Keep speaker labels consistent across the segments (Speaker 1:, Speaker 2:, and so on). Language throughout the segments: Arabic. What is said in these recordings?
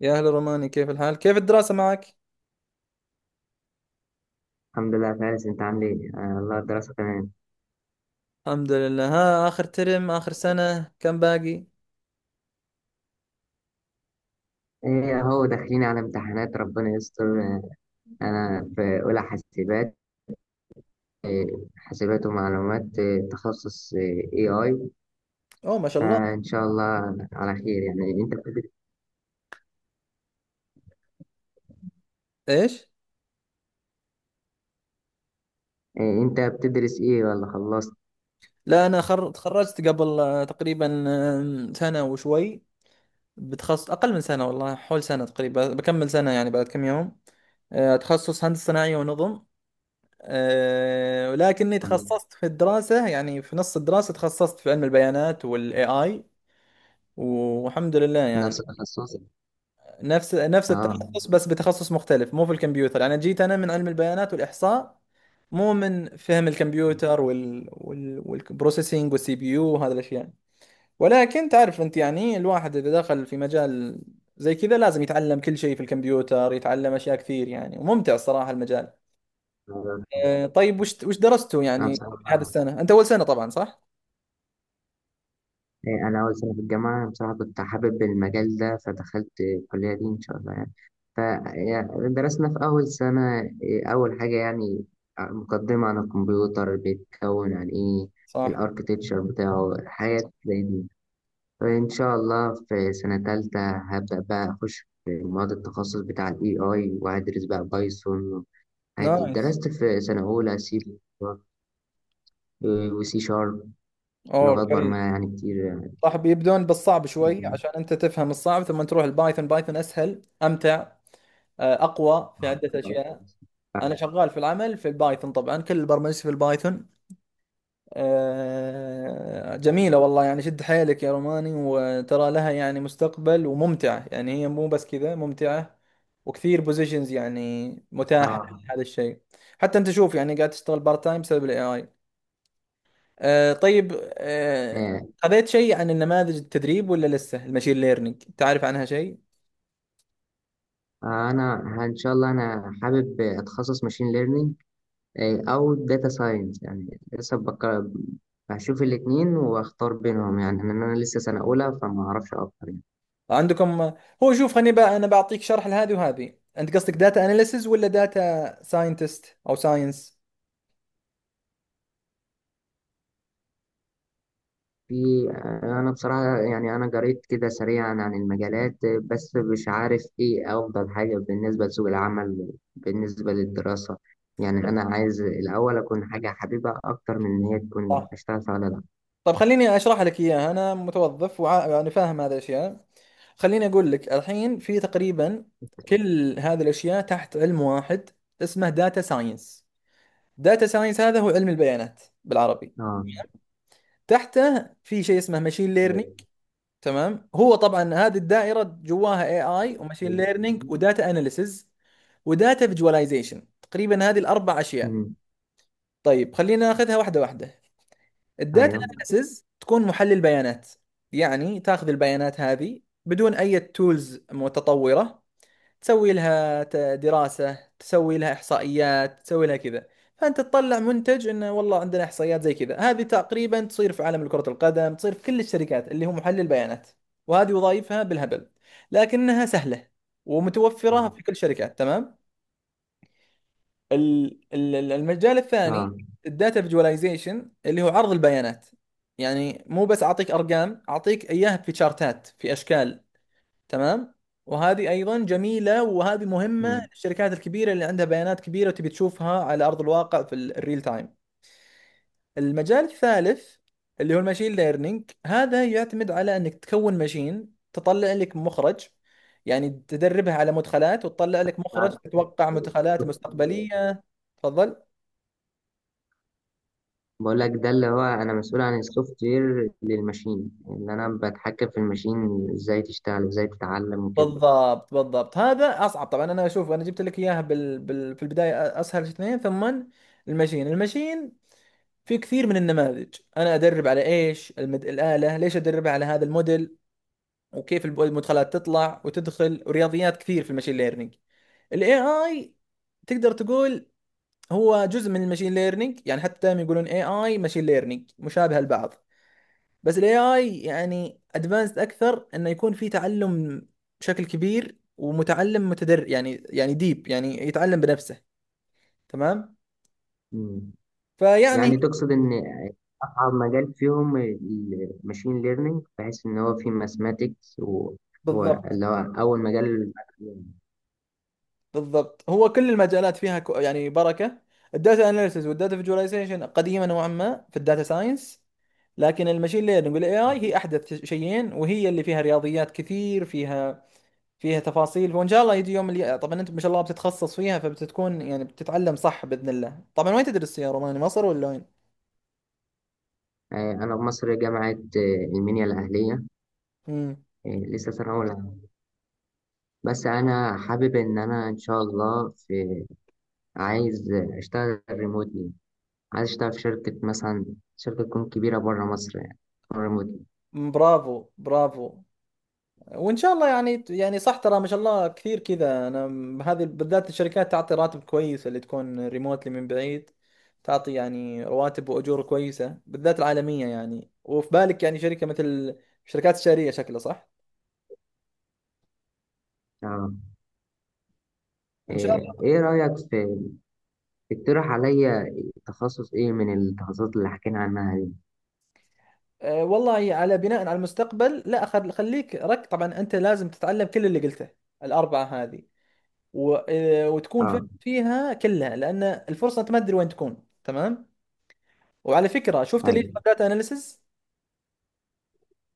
Speaker 1: يا أهلا روماني، كيف الحال؟ كيف الدراسة معك؟
Speaker 2: الحمد لله يا فارس، انت عامل ايه؟ آه والله الدراسة تمام.
Speaker 1: الحمد لله. ها، آخر ترم آخر سنة، كم باقي؟
Speaker 2: ايه اهو داخلين على امتحانات، ربنا يستر. انا في اولى حاسبات. آه. حاسبات ومعلومات، تخصص اي اي.
Speaker 1: أوه ما شاء الله.
Speaker 2: فان شاء الله على خير. يعني انت بتدرس؟
Speaker 1: إيش؟
Speaker 2: انت بتدرس ايه ولا خلصت؟
Speaker 1: لا، أنا تخرجت قبل، تقريبا، سنة وشوي بتخصص. أقل من سنة والله، حول سنة تقريبا، بكمل سنة يعني بعد كم يوم. تخصص هندسة صناعية ونظم. ولكني
Speaker 2: ولا
Speaker 1: تخصصت في الدراسة، يعني في نص الدراسة تخصصت في علم البيانات وال AI. والحمد لله
Speaker 2: نفس
Speaker 1: يعني.
Speaker 2: التخصص؟
Speaker 1: نفس نفس
Speaker 2: اه.
Speaker 1: التخصص، بس بتخصص مختلف، مو في الكمبيوتر. انا جيت، انا من علم البيانات والاحصاء، مو من فهم الكمبيوتر وال والبروسيسنج والسي بي يو وهذه الاشياء. ولكن تعرف انت، يعني الواحد اذا دخل في مجال زي كذا لازم يتعلم كل شيء في الكمبيوتر، يتعلم اشياء كثير يعني، وممتع الصراحة المجال. أه، طيب وش درستوا
Speaker 2: انا
Speaker 1: يعني هذه
Speaker 2: بصراحة،
Speaker 1: السنة؟ انت اول سنة طبعا، صح؟
Speaker 2: إيه، أنا أول سنة في الجامعة. بصراحة كنت حابب المجال ده فدخلت الكلية دي إن شاء الله يعني. فدرسنا في أول سنة إيه، أول حاجة يعني مقدمة عن الكمبيوتر، بيتكون عن إيه
Speaker 1: صح.
Speaker 2: الأركتكتشر بتاعه، حاجات زي دي. فإن شاء الله في سنة تالتة هبدأ بقى أخش في مواد التخصص بتاع ال AI وهدرس بقى بايثون، حاجات دي.
Speaker 1: نايس.
Speaker 2: درست في سنة أولى سي وسي شارب،
Speaker 1: اوه
Speaker 2: لغات
Speaker 1: كويس.
Speaker 2: برمجة يعني كتير
Speaker 1: صح، بيبدون بالصعب شوي
Speaker 2: يعني.
Speaker 1: عشان انت تفهم الصعب ثم تروح البايثون. بايثون اسهل، امتع، اقوى في
Speaker 2: اه.
Speaker 1: عده اشياء. انا شغال في العمل في البايثون، طبعا كل البرمجه في البايثون. جميله والله يعني. شد حيلك يا روماني، وترى لها يعني مستقبل وممتعه، يعني هي مو بس كذا ممتعه، وكثير بوزيشنز يعني متاحه،
Speaker 2: آه.
Speaker 1: هذا الشيء. حتى انت شوف يعني قاعد تشتغل بارت تايم بسبب الاي اي. آه طيب. آه، خذيت شيء عن النماذج التدريب، ولا لسه المشين ليرنينج تعرف عنها شيء؟
Speaker 2: ان شاء الله انا حابب اتخصص ماشين ليرنينج او داتا ساينس. هشوف الاثنين واختار بينهم. يعني ان انا لسه سنه اولى فما اعرفش اكتر يعني.
Speaker 1: عندكم. هو شوف، خليني بقى انا بعطيك شرح لهذه وهذه. انت قصدك داتا اناليسز ولا داتا ساينتست او ساينس؟
Speaker 2: في انا بصراحه يعني انا قريت كده سريعا عن المجالات، بس مش عارف ايه افضل حاجه بالنسبه لسوق العمل، بالنسبه للدراسه. يعني انا عايز الاول اكون حاجه حبيبه اكتر من ان هي
Speaker 1: صح.
Speaker 2: تكون اشتغل فيها ولا لا.
Speaker 1: طيب خليني اشرح لك اياها، انا متوظف يعني فاهم هذه الاشياء. خليني اقول لك الحين، في تقريبا كل هذه الاشياء تحت علم واحد اسمه داتا ساينس. داتا ساينس هذا هو علم البيانات بالعربي.
Speaker 2: اه.
Speaker 1: تحته في شيء اسمه ماشين ليرنينج.
Speaker 2: ايوه.
Speaker 1: تمام. هو طبعا هذه الدائره جواها اي اي وماشين ليرنينج وداتا اناليسز وداتا فيجواليزيشن، تقريبا هذه الاربع اشياء.
Speaker 2: أمم.
Speaker 1: طيب خلينا ناخذها واحده واحده. الداتا
Speaker 2: ايوه.
Speaker 1: اناليسز تكون محلل بيانات، يعني تاخذ البيانات هذه بدون اي تولز متطوره. تسوي لها دراسة، تسوي لها إحصائيات، تسوي لها كذا. فأنت تطلع منتج إنه والله عندنا إحصائيات زي كذا. هذه تقريبا تصير في عالم كرة القدم، تصير في كل الشركات، اللي هو محلل بيانات. وهذه وظائفها بالهبل، لكنها سهلة ومتوفرة في كل شركات. تمام. المجال الثاني،
Speaker 2: اه.
Speaker 1: الداتا فيجواليزيشن، اللي هو عرض البيانات. يعني مو بس أعطيك أرقام، أعطيك إياها في شارتات، في أشكال. تمام. وهذه ايضا جميله، وهذه مهمه
Speaker 2: أمم.
Speaker 1: للشركات الكبيره اللي عندها بيانات كبيره وتبي تشوفها على ارض الواقع في الريل تايم. المجال الثالث، اللي هو الماشين ليرنينج، هذا يعتمد على انك تكون ماشين تطلع لك مخرج. يعني تدربها على مدخلات وتطلع لك مخرج،
Speaker 2: بعد-
Speaker 1: تتوقع مدخلات مستقبليه. تفضل.
Speaker 2: بقول لك ده اللي هو انا مسؤول عن السوفت وير للماشين، اللي انا بتحكم في الماشين ازاي تشتغل ازاي تتعلم وكده.
Speaker 1: بالضبط بالضبط، هذا اصعب طبعا. انا اشوف انا جبت لك اياها في البدايه اسهل اثنين، ثم الماشين. في كثير من النماذج انا ادرب على ايش الاله، ليش ادربها على هذا الموديل، وكيف المدخلات تطلع وتدخل، ورياضيات كثير في المشين ليرنينج. الاي اي تقدر تقول هو جزء من المشين ليرنينج. يعني حتى دائما يقولون اي اي ماشين ليرنينج مشابهه لبعض، بس الاي اي يعني ادفانسد اكثر، انه يكون في تعلم بشكل كبير ومتعلم متدرب، يعني ديب، يعني يتعلم بنفسه. تمام.
Speaker 2: أمم.
Speaker 1: فيعني
Speaker 2: يعني تقصد ان اصعب مجال فيهم الماشين ليرنينج، بحيث ان هو فيه ماثماتكس، وهو
Speaker 1: بالضبط
Speaker 2: اللي هو اول مجال.
Speaker 1: بالضبط، هو كل المجالات فيها يعني بركة. الداتا اناليسز والداتا فيجواليزيشن قديمة نوعا ما في الداتا ساينس، لكن المشين ليرنينج والاي اي هي احدث شيئين، وهي اللي فيها رياضيات كثير، فيها تفاصيل. وان شاء الله يجي يوم اللي طبعا انت ما شاء الله بتتخصص فيها، فبتكون يعني بتتعلم، صح باذن الله طبعا. وين تدرس يا روماني، مصر ولا وين؟
Speaker 2: انا في مصر، جامعة المنيا الاهلية.
Speaker 1: امم.
Speaker 2: آه، لسه سنة اولى. بس انا حابب ان انا ان شاء الله في، عايز اشتغل ريموتلي. عايز اشتغل في شركة مثلا، شركة تكون كبيرة بره مصر يعني، ريموتلي.
Speaker 1: برافو برافو. وان شاء الله يعني، يعني صح ترى، ما شاء الله كثير كذا. انا هذه بالذات الشركات تعطي راتب كويس اللي تكون ريموتلي من بعيد، تعطي يعني رواتب واجور كويسه، بالذات العالميه يعني. وفي بالك يعني شركه مثل الشركات الشهريه، شكلها صح.
Speaker 2: اه.
Speaker 1: ان شاء
Speaker 2: ايه
Speaker 1: الله.
Speaker 2: إيه رأيك في، اقترح عليا تخصص ايه من التخصصات اللي حكينا عنها دي.
Speaker 1: أه والله، على بناء على المستقبل، لا خليك رك. طبعا انت لازم تتعلم كل اللي قلته، الاربعه هذه. وتكون فاهم
Speaker 2: اه.
Speaker 1: فيها كلها لان الفرصه انت ما تدري وين تكون. تمام. وعلى فكره، شفت اللي
Speaker 2: ايوه.
Speaker 1: داتا اناليسز،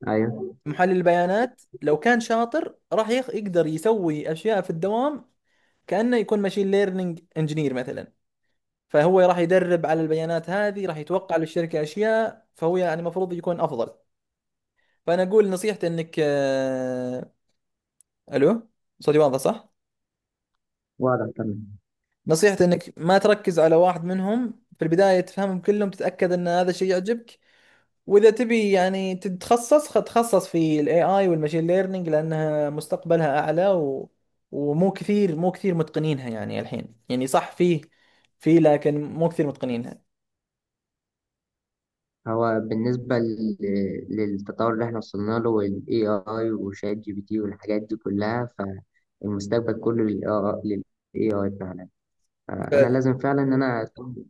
Speaker 2: ايوه.
Speaker 1: محلل البيانات، لو كان شاطر راح يقدر يسوي اشياء في الدوام، كانه يكون ماشين ليرنينج انجينير مثلا. فهو راح يدرب على البيانات هذه، راح يتوقع للشركه اشياء. فهو يعني المفروض يكون افضل. فانا اقول نصيحتي انك الو، صوتي واضح صح؟
Speaker 2: واضح تمام.
Speaker 1: نصيحتي انك ما تركز على واحد منهم في البدايه، تفهمهم كلهم، تتاكد ان هذا الشيء يعجبك. واذا تبي يعني تتخصص، تخصص في الاي اي والماشين ليرنينج، لانها مستقبلها اعلى، ومو كثير، مو كثير متقنينها يعني الحين، يعني صح. فيه لكن مو كثير متقنينها.
Speaker 2: هو بالنسبة للتطور اللي احنا وصلنا له وال AI وشات جي بي تي والحاجات دي كلها، فالمستقبل كله لل AI، لل AI فعلا. انا
Speaker 1: فعلا
Speaker 2: لازم فعلا ان انا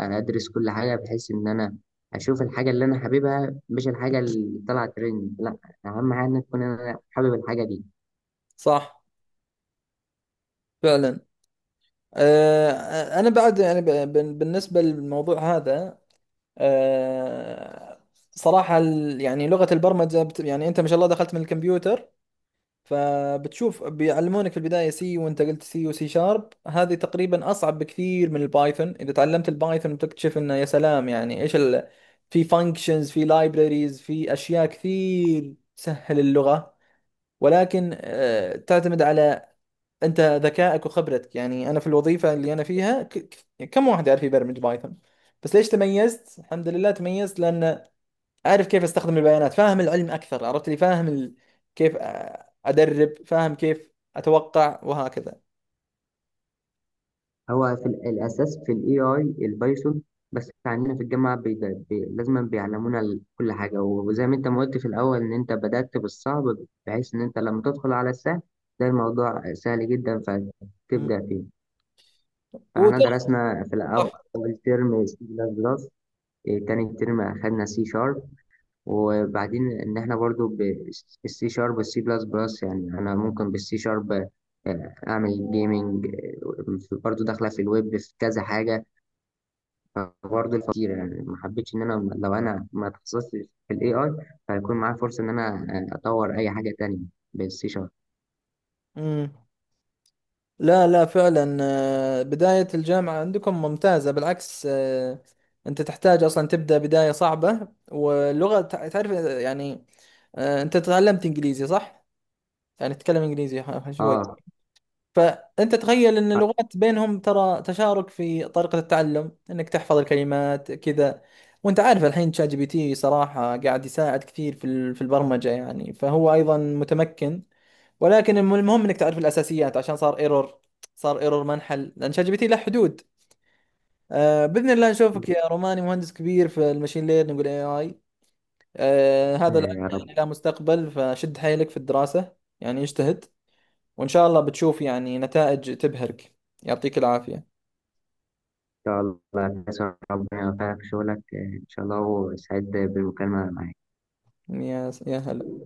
Speaker 2: ادرس كل حاجه بحيث ان انا اشوف الحاجه اللي انا حاببها، مش الحاجه اللي طلعت ترند. لا، اهم حاجه ان تكون انا حابب الحاجه دي.
Speaker 1: صح فعلا. انا بعد يعني بالنسبه للموضوع هذا، آه، صراحه يعني لغه البرمجه يعني انت ما شاء الله دخلت من الكمبيوتر، فبتشوف بيعلمونك في البداية سي، وانت قلت سي وسي شارب، هذه تقريبا اصعب بكثير من البايثون. اذا تعلمت البايثون بتكتشف انه يا سلام. يعني ايش في فانكشنز، في لايبراريز، في اشياء كثير تسهل اللغة. ولكن تعتمد على انت ذكائك وخبرتك. يعني انا في الوظيفة اللي انا فيها كم واحد يعرف يبرمج بايثون؟ بس ليش تميزت؟ الحمد لله تميزت لان اعرف كيف استخدم البيانات، فاهم العلم اكثر، عرفت لي فاهم كيف ادرب، فاهم كيف اتوقع، وهكذا.
Speaker 2: هو في الاساس في الاي اي البايثون. بس عندنا في الجامعه بي لازم بيعلمونا كل حاجه، وزي ما انت ما قلت في الاول ان انت بدات بالصعب، بحيث ان انت لما تدخل على السهل ده الموضوع سهل جدا
Speaker 1: مم.
Speaker 2: فتبدا فيه. فاحنا
Speaker 1: وترى،
Speaker 2: درسنا في الاول
Speaker 1: صح.
Speaker 2: أول ترم سي بلس بلس، إيه، تاني ترم أخدنا سي شارب. وبعدين ان احنا برضو بالسي شارب والسي بلس بلس، يعني انا ممكن بالسي شارب اعمل جيمنج، برضو داخله في الويب في كذا حاجه. برضو الفقير يعني ما حبيتش ان انا لو انا ما اتخصصتش في الاي اي فهيكون معايا فرصه ان انا اطور اي حاجه تانية بالسي شارب.
Speaker 1: مم. لا لا فعلا، بداية الجامعة عندكم ممتازة بالعكس. انت تحتاج اصلا تبدأ بداية صعبة، واللغة تعرف، يعني انت تعلمت انجليزي صح؟ يعني تتكلم انجليزي شوي.
Speaker 2: اه.
Speaker 1: فأنت تخيل أن اللغات بينهم ترى تشارك في طريقة التعلم، أنك تحفظ الكلمات كذا. وأنت عارف الحين تشات جي بي تي صراحة قاعد يساعد كثير في في البرمجة، يعني فهو أيضا متمكن. ولكن المهم أنك تعرف الأساسيات، عشان صار ايرور، صار ايرور ما انحل، لأن شات جي بي تي له حدود. آه، بإذن الله نشوفك يا روماني مهندس كبير في المشين ليرنينج والاي اي. آه، هذا العلم
Speaker 2: يا رب
Speaker 1: يعني لا
Speaker 2: ان
Speaker 1: مستقبل. فشد حيلك في الدراسة، يعني اجتهد، وإن شاء الله بتشوف يعني نتائج تبهرك. يعطيك العافية.
Speaker 2: شاء الله. ربنا يوفقك في شغلك، ان شاء الله، وسعيد بالمكالمه معاك.
Speaker 1: يا هلا.